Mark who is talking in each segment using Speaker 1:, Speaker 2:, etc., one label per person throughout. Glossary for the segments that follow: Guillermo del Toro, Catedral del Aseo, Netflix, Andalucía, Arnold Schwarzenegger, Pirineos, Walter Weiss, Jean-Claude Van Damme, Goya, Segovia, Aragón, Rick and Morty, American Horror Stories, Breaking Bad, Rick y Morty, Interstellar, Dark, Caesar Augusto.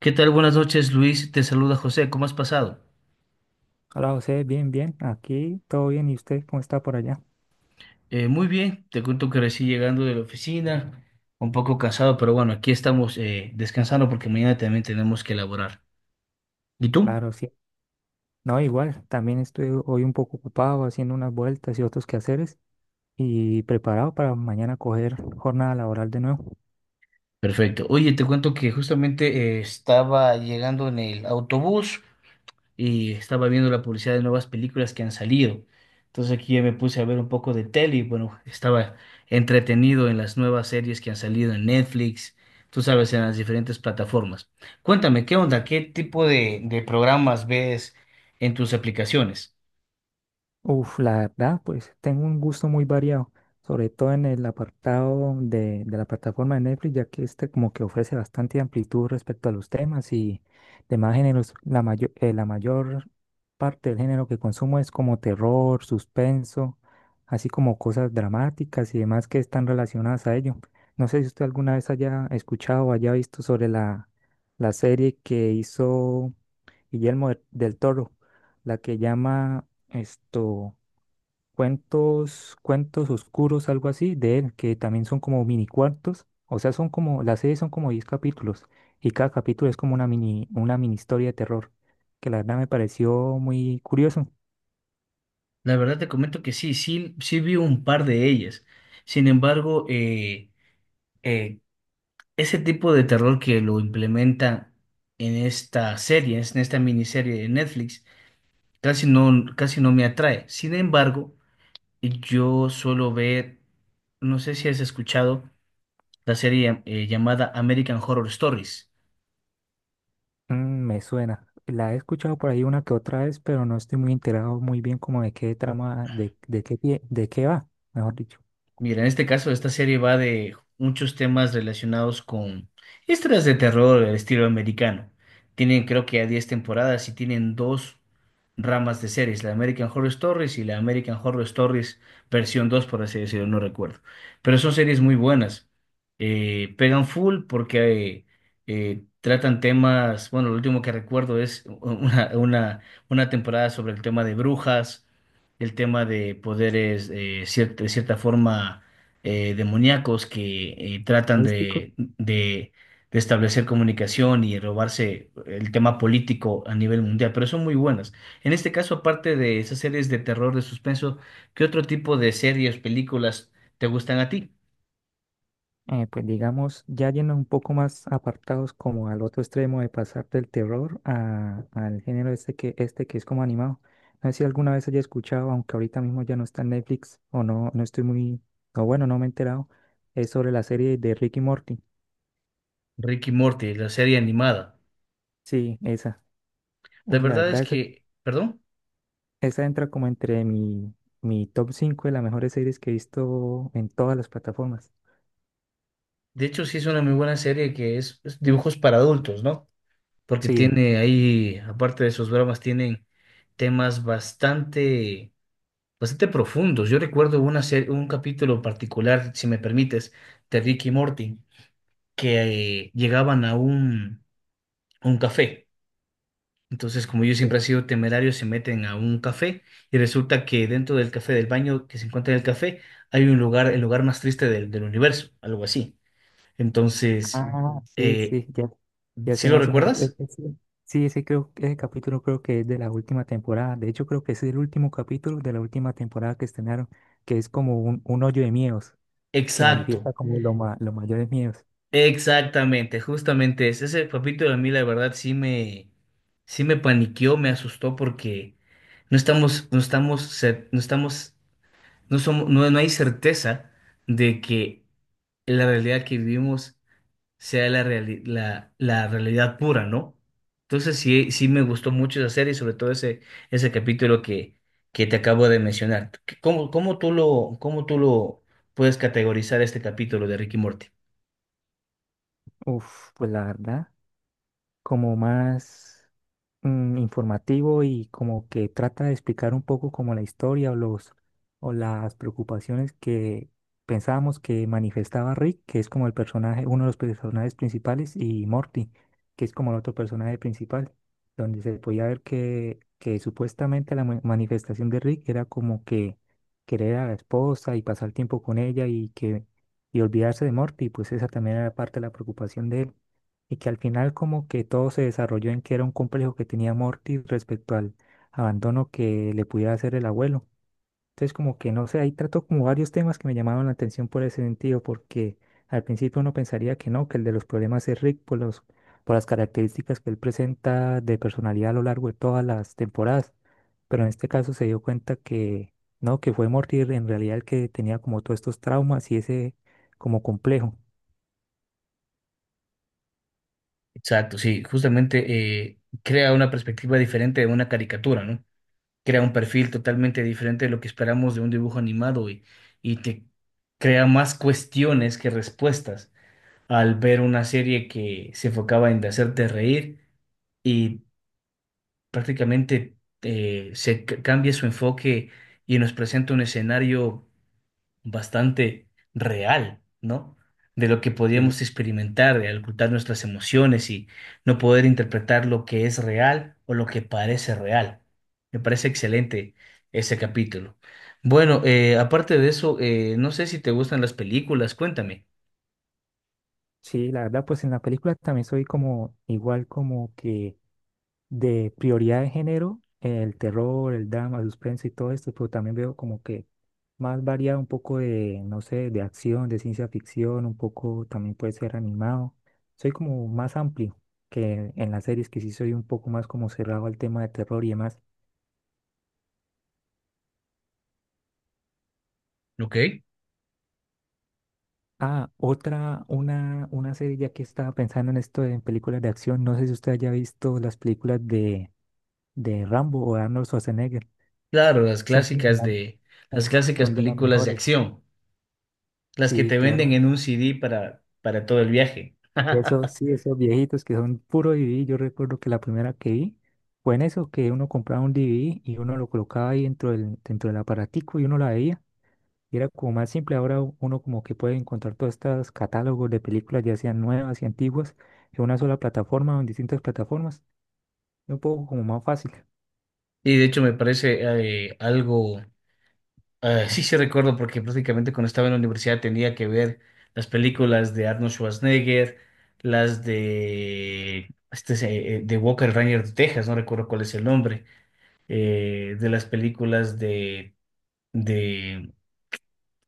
Speaker 1: ¿Qué tal? Buenas noches, Luis. Te saluda José. ¿Cómo has pasado?
Speaker 2: Hola José, bien, bien, aquí todo bien, ¿y usted cómo está por allá?
Speaker 1: Muy bien. Te cuento que recién llegando de la oficina, un poco cansado, pero bueno, aquí estamos descansando porque mañana también tenemos que elaborar. ¿Y tú?
Speaker 2: Claro, sí. No, igual, también estoy hoy un poco ocupado haciendo unas vueltas y otros quehaceres y preparado para mañana coger jornada laboral de nuevo.
Speaker 1: Perfecto. Oye, te cuento que justamente estaba llegando en el autobús. Y estaba viendo la publicidad de nuevas películas que han salido. Entonces aquí ya me puse a ver un poco de tele y bueno, estaba entretenido en las nuevas series que han salido en Netflix, tú sabes, en las diferentes plataformas. Cuéntame, ¿qué onda? ¿Qué tipo de programas ves en tus aplicaciones?
Speaker 2: Uf, la verdad, pues tengo un gusto muy variado, sobre todo en el apartado de la plataforma de Netflix, ya que este como que ofrece bastante amplitud respecto a los temas y demás géneros. La mayor parte del género que consumo es como terror, suspenso, así como cosas dramáticas y demás que están relacionadas a ello. No sé si usted alguna vez haya escuchado o haya visto sobre la serie que hizo Guillermo del Toro, la que llama esto cuentos, cuentos oscuros, algo así, de él, que también son como mini cuartos. O sea, las series son como 10 capítulos y cada capítulo es como una mini historia de terror, que la verdad me pareció muy curioso.
Speaker 1: La verdad te comento que sí, sí, sí vi un par de ellas. Sin embargo, eh, ese tipo de terror que lo implementan en esta serie, en esta miniserie de Netflix, casi no me atrae. Sin embargo, yo suelo ver, no sé si has escuchado la serie llamada American Horror Stories.
Speaker 2: Me suena. La he escuchado por ahí una que otra vez, pero no estoy muy enterado muy bien como de qué trama, de qué va, mejor dicho.
Speaker 1: Mira, en este caso, esta serie va de muchos temas relacionados con historias de terror del estilo americano. Tienen, creo que, a 10 temporadas y tienen dos ramas de series, la American Horror Stories y la American Horror Stories versión dos por así decirlo, no recuerdo. Pero son series muy buenas. Pegan full porque tratan temas, bueno, lo último que recuerdo es una temporada sobre el tema de brujas, el tema de poderes de cierta forma demoníacos, que tratan
Speaker 2: Místico.
Speaker 1: de establecer comunicación y robarse el tema político a nivel mundial, pero son muy buenas. En este caso, aparte de esas series de terror, de suspenso, ¿qué otro tipo de series, películas te gustan a ti?
Speaker 2: Pues digamos, ya yendo un poco más apartados como al otro extremo de pasar del terror al género este que, es como animado. No sé si alguna vez haya escuchado, aunque ahorita mismo ya no está en Netflix o no, no estoy muy, o bueno, no me he enterado, es sobre la serie de Rick y Morty.
Speaker 1: Ricky y Morty, la serie animada.
Speaker 2: Sí, esa.
Speaker 1: La
Speaker 2: Uy, la
Speaker 1: verdad es
Speaker 2: verdad, esa,
Speaker 1: que, perdón,
Speaker 2: esa entra como entre mi, mi top 5 de las mejores series que he visto en todas las plataformas.
Speaker 1: de hecho sí es una muy buena serie que es dibujos para adultos, ¿no? Porque
Speaker 2: Sí,
Speaker 1: tiene ahí, aparte de sus bromas, tienen temas bastante, bastante profundos. Yo recuerdo un capítulo particular, si me permites, de Rick y Morty, que llegaban a un café. Entonces, como yo siempre
Speaker 2: sí.
Speaker 1: he sido temerario, se meten a un café y resulta que dentro del café, del baño que se encuentra en el café, hay un lugar, el lugar más triste del universo, algo así. Entonces,
Speaker 2: Ah, sí,
Speaker 1: eh,
Speaker 2: sí, ya, ya
Speaker 1: ¿sí
Speaker 2: sé
Speaker 1: lo
Speaker 2: más o menos. e-
Speaker 1: recuerdas?
Speaker 2: ese- sí, ese capítulo creo que es de la última temporada. De hecho, creo que es el último capítulo de la última temporada que estrenaron, que es como un hoyo de miedos, que
Speaker 1: Exacto.
Speaker 2: manifiesta como los mayores miedos.
Speaker 1: Exactamente, justamente ese capítulo a mí la verdad sí me paniqueó, me asustó porque no estamos, no estamos, no estamos, no somos, no, no hay certeza de que la realidad que vivimos sea la realidad pura, ¿no? Entonces sí, sí me gustó mucho esa serie, sobre todo ese capítulo que te acabo de mencionar. ¿Cómo tú lo puedes categorizar este capítulo de Ricky Morty?
Speaker 2: Uf, pues la verdad, como más informativo y como que trata de explicar un poco como la historia o las preocupaciones que pensábamos que manifestaba Rick, que es como el personaje, uno de los personajes principales, y Morty, que es como el otro personaje principal, donde se podía ver que supuestamente la manifestación de Rick era como que querer a la esposa y pasar tiempo con ella y olvidarse de Morty, pues esa también era parte de la preocupación de él y que al final como que todo se desarrolló en que era un complejo que tenía Morty respecto al abandono que le pudiera hacer el abuelo. Entonces como que no sé, ahí trató como varios temas que me llamaban la atención por ese sentido, porque al principio uno pensaría que no, que el de los problemas es Rick por las características que él presenta de personalidad a lo largo de todas las temporadas, pero en este caso se dio cuenta que no, que fue Morty en realidad el que tenía como todos estos traumas y ese como complejo.
Speaker 1: Exacto, sí, justamente crea una perspectiva diferente de una caricatura, ¿no? Crea un perfil totalmente diferente de lo que esperamos de un dibujo animado, y te crea más cuestiones que respuestas al ver una serie que se enfocaba en hacerte reír y prácticamente cambia su enfoque y nos presenta un escenario bastante real, ¿no? De lo que
Speaker 2: Sí.
Speaker 1: podíamos experimentar, de ocultar nuestras emociones y no poder interpretar lo que es real o lo que parece real. Me parece excelente ese capítulo. Bueno, aparte de eso, no sé si te gustan las películas, cuéntame.
Speaker 2: Sí, la verdad, pues en la película también soy como igual como que de prioridad de género, el terror, el drama, el suspenso y todo esto, pero también veo como que más variado un poco de, no sé, de acción, de ciencia ficción, un poco también puede ser animado. Soy como más amplio que en las series, que sí soy un poco más como cerrado al tema de terror y demás.
Speaker 1: Ok.
Speaker 2: Ah, otra, una serie ya que estaba pensando en esto de películas de acción, no sé si usted haya visto las películas de Rambo o de Arnold Schwarzenegger.
Speaker 1: Claro,
Speaker 2: Son como la- uf,
Speaker 1: las clásicas
Speaker 2: son de las
Speaker 1: películas de
Speaker 2: mejores.
Speaker 1: acción, las que
Speaker 2: Sí,
Speaker 1: te venden
Speaker 2: claro.
Speaker 1: en un CD para todo el viaje.
Speaker 2: Y eso, sí, esos viejitos que son puro DVD. Yo recuerdo que la primera que vi fue en eso, que uno compraba un DVD y uno lo colocaba ahí dentro del aparatico y uno la veía. Y era como más simple. Ahora uno como que puede encontrar todos estos catálogos de películas, ya sean nuevas y antiguas, en una sola plataforma o en distintas plataformas. Es un poco como más fácil.
Speaker 1: Y de hecho me parece algo. Sí, sí recuerdo porque prácticamente cuando estaba en la universidad tenía que ver las películas de Arnold Schwarzenegger, las de de Walker Ranger de Texas, no recuerdo cuál es el nombre, de las películas de,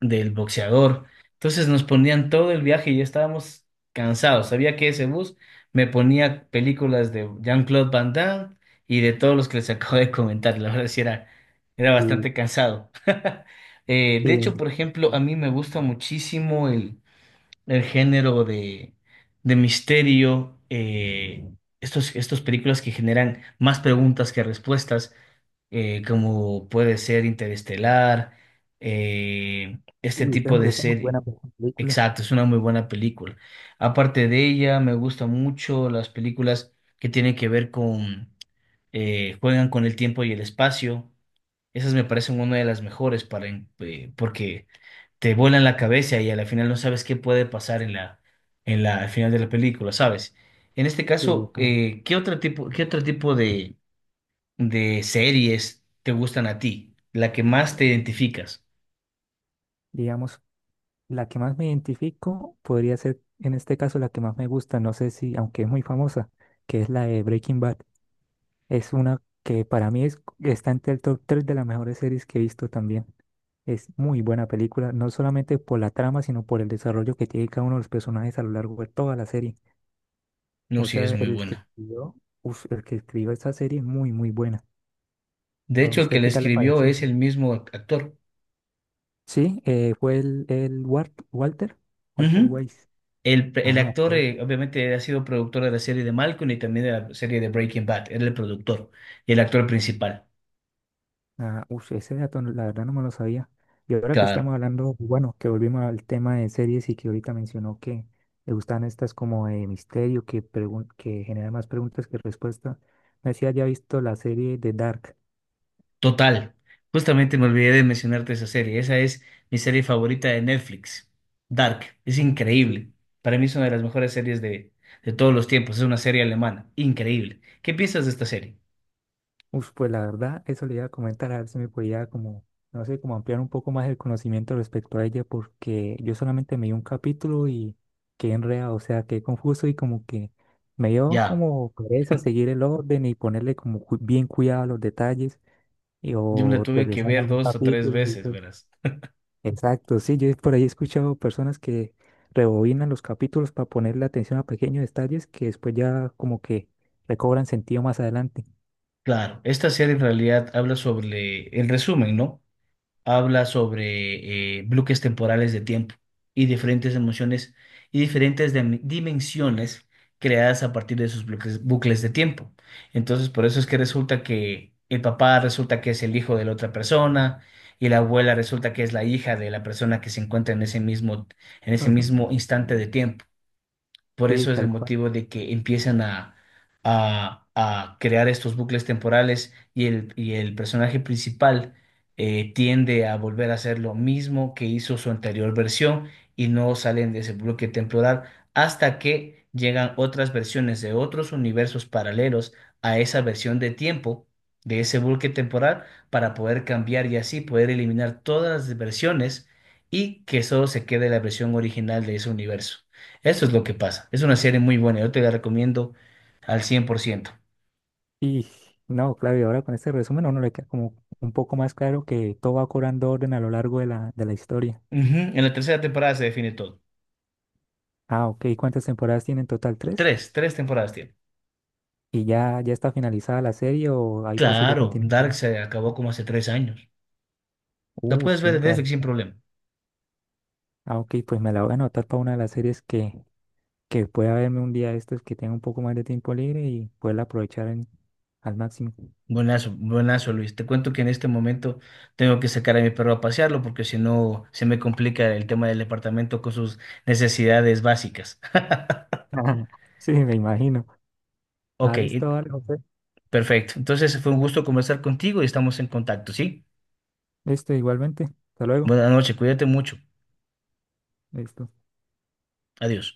Speaker 1: del boxeador. Entonces nos ponían todo el viaje y ya estábamos cansados. Sabía que ese bus me ponía películas de Jean-Claude Van Damme y de todos los que les acabo de comentar. La verdad sí era, era
Speaker 2: Sí,
Speaker 1: bastante cansado. De
Speaker 2: sí.
Speaker 1: hecho, por ejemplo, a mí me gusta muchísimo el género de misterio, estos películas que generan más preguntas que respuestas, como puede ser Interestelar, este
Speaker 2: Uy, esa,
Speaker 1: tipo de
Speaker 2: esa es muy
Speaker 1: serie.
Speaker 2: buena película.
Speaker 1: Exacto, es una muy buena película. Aparte de ella, me gustan mucho las películas que tienen que ver con, juegan con el tiempo y el espacio. Esas me parecen una de las mejores para, porque te vuelan la cabeza y a la final no sabes qué puede pasar en la, al final de la película, ¿sabes? En este
Speaker 2: Sí,
Speaker 1: caso,
Speaker 2: como,
Speaker 1: ¿qué otro tipo de series te gustan a ti? La que más te identificas.
Speaker 2: digamos. La que más me identifico podría ser, en este caso, la que más me gusta, no sé si, aunque es muy famosa, que es la de Breaking Bad. Es una que para mí está entre el top 3 de las mejores series que he visto también. Es muy buena película, no solamente por la trama, sino por el desarrollo que tiene cada uno de los personajes a lo largo de toda la serie.
Speaker 1: No,
Speaker 2: O
Speaker 1: sí, es
Speaker 2: sea,
Speaker 1: muy
Speaker 2: el que
Speaker 1: buena.
Speaker 2: escribió, uf, el que escribió esta serie es muy, muy buena.
Speaker 1: De
Speaker 2: ¿A
Speaker 1: hecho, el que
Speaker 2: usted
Speaker 1: la
Speaker 2: qué tal le
Speaker 1: escribió
Speaker 2: pareció?
Speaker 1: es el mismo actor.
Speaker 2: Sí, fue el Walter
Speaker 1: Ujú.
Speaker 2: Weiss.
Speaker 1: El
Speaker 2: Ah,
Speaker 1: actor,
Speaker 2: ok.
Speaker 1: obviamente, ha sido productor de la serie de Malcolm y también de la serie de Breaking Bad. Era el productor y el actor principal.
Speaker 2: Ah, ush, ese dato la verdad no me lo sabía. Y ahora que
Speaker 1: Claro.
Speaker 2: estamos hablando, bueno, que volvimos al tema de series y que ahorita mencionó que le gustan estas como de misterio, que generan más preguntas que respuestas. No sé si haya visto la serie de Dark.
Speaker 1: Total. Justamente me olvidé de mencionarte esa serie. Esa es mi serie favorita de Netflix. Dark. Es
Speaker 2: Ah, sí.
Speaker 1: increíble. Para mí es una de las mejores series de todos los tiempos. Es una serie alemana. Increíble. ¿Qué piensas de esta serie?
Speaker 2: Uf, pues la verdad, eso le iba a comentar, a ver si me podía como, no sé, como ampliar un poco más el conocimiento respecto a ella, porque yo solamente me di un capítulo y quedé enredado, o sea, quedé confuso y como que me dio
Speaker 1: Ya,
Speaker 2: como pereza seguir el orden y ponerle como bien cuidado a los detalles
Speaker 1: yo me la
Speaker 2: o
Speaker 1: tuve que
Speaker 2: regresar a
Speaker 1: ver
Speaker 2: algún
Speaker 1: dos o tres
Speaker 2: capítulo, y
Speaker 1: veces,
Speaker 2: todo.
Speaker 1: verás.
Speaker 2: Exacto, sí, yo por ahí he escuchado personas que rebobinan los capítulos para ponerle atención a pequeños detalles que después ya como que recobran sentido más adelante.
Speaker 1: Claro, esta serie en realidad habla sobre, el resumen, ¿no? Habla sobre bloques temporales de tiempo y diferentes emociones y diferentes dimensiones creadas a partir de esos bloques, bucles de tiempo. Entonces, por eso es que resulta que el papá resulta que es el hijo de la otra persona y la abuela resulta que es la hija de la persona que se encuentra en ese mismo instante de tiempo. Por
Speaker 2: Sí,
Speaker 1: eso es el
Speaker 2: tal cual.
Speaker 1: motivo de que empiezan a crear estos bucles temporales y y el personaje principal tiende a volver a hacer lo mismo que hizo su anterior versión y no salen de ese bloque temporal hasta que llegan otras versiones de otros universos paralelos a esa versión de tiempo de ese bloque temporal para poder cambiar y así poder eliminar todas las versiones y que solo se quede la versión original de ese universo. Eso es lo que pasa. Es una serie muy buena. Yo te la recomiendo al 100%.
Speaker 2: Y no, claro, y ahora con este resumen a uno le queda como un poco más claro que todo va cobrando orden a lo largo de la historia.
Speaker 1: Ujú, en la tercera temporada se define todo.
Speaker 2: Ah, ok, ¿cuántas temporadas tiene en total? ¿Tres?
Speaker 1: Tres, tres temporadas tiene.
Speaker 2: ¿Y ya, ya está finalizada la serie o hay posible
Speaker 1: Claro, Dark
Speaker 2: continuación?
Speaker 1: se acabó como hace 3 años. La puedes ver en
Speaker 2: Siempre.
Speaker 1: Netflix sin problema.
Speaker 2: Ah, ok, pues me la voy a anotar para una de las series que pueda verme un día de estos que tenga un poco más de tiempo libre y poderla aprovechar al máximo.
Speaker 1: Buenazo, buenazo, Luis. Te cuento que en este momento tengo que sacar a mi perro a pasearlo porque si no se me complica el tema del departamento con sus necesidades básicas.
Speaker 2: Sí, me imagino.
Speaker 1: Ok,
Speaker 2: Ah, listo, vale, José.
Speaker 1: perfecto. Entonces fue un gusto conversar contigo y estamos en contacto, ¿sí?
Speaker 2: Listo, igualmente. Hasta luego.
Speaker 1: Buenas noches, cuídate mucho.
Speaker 2: Listo.
Speaker 1: Adiós.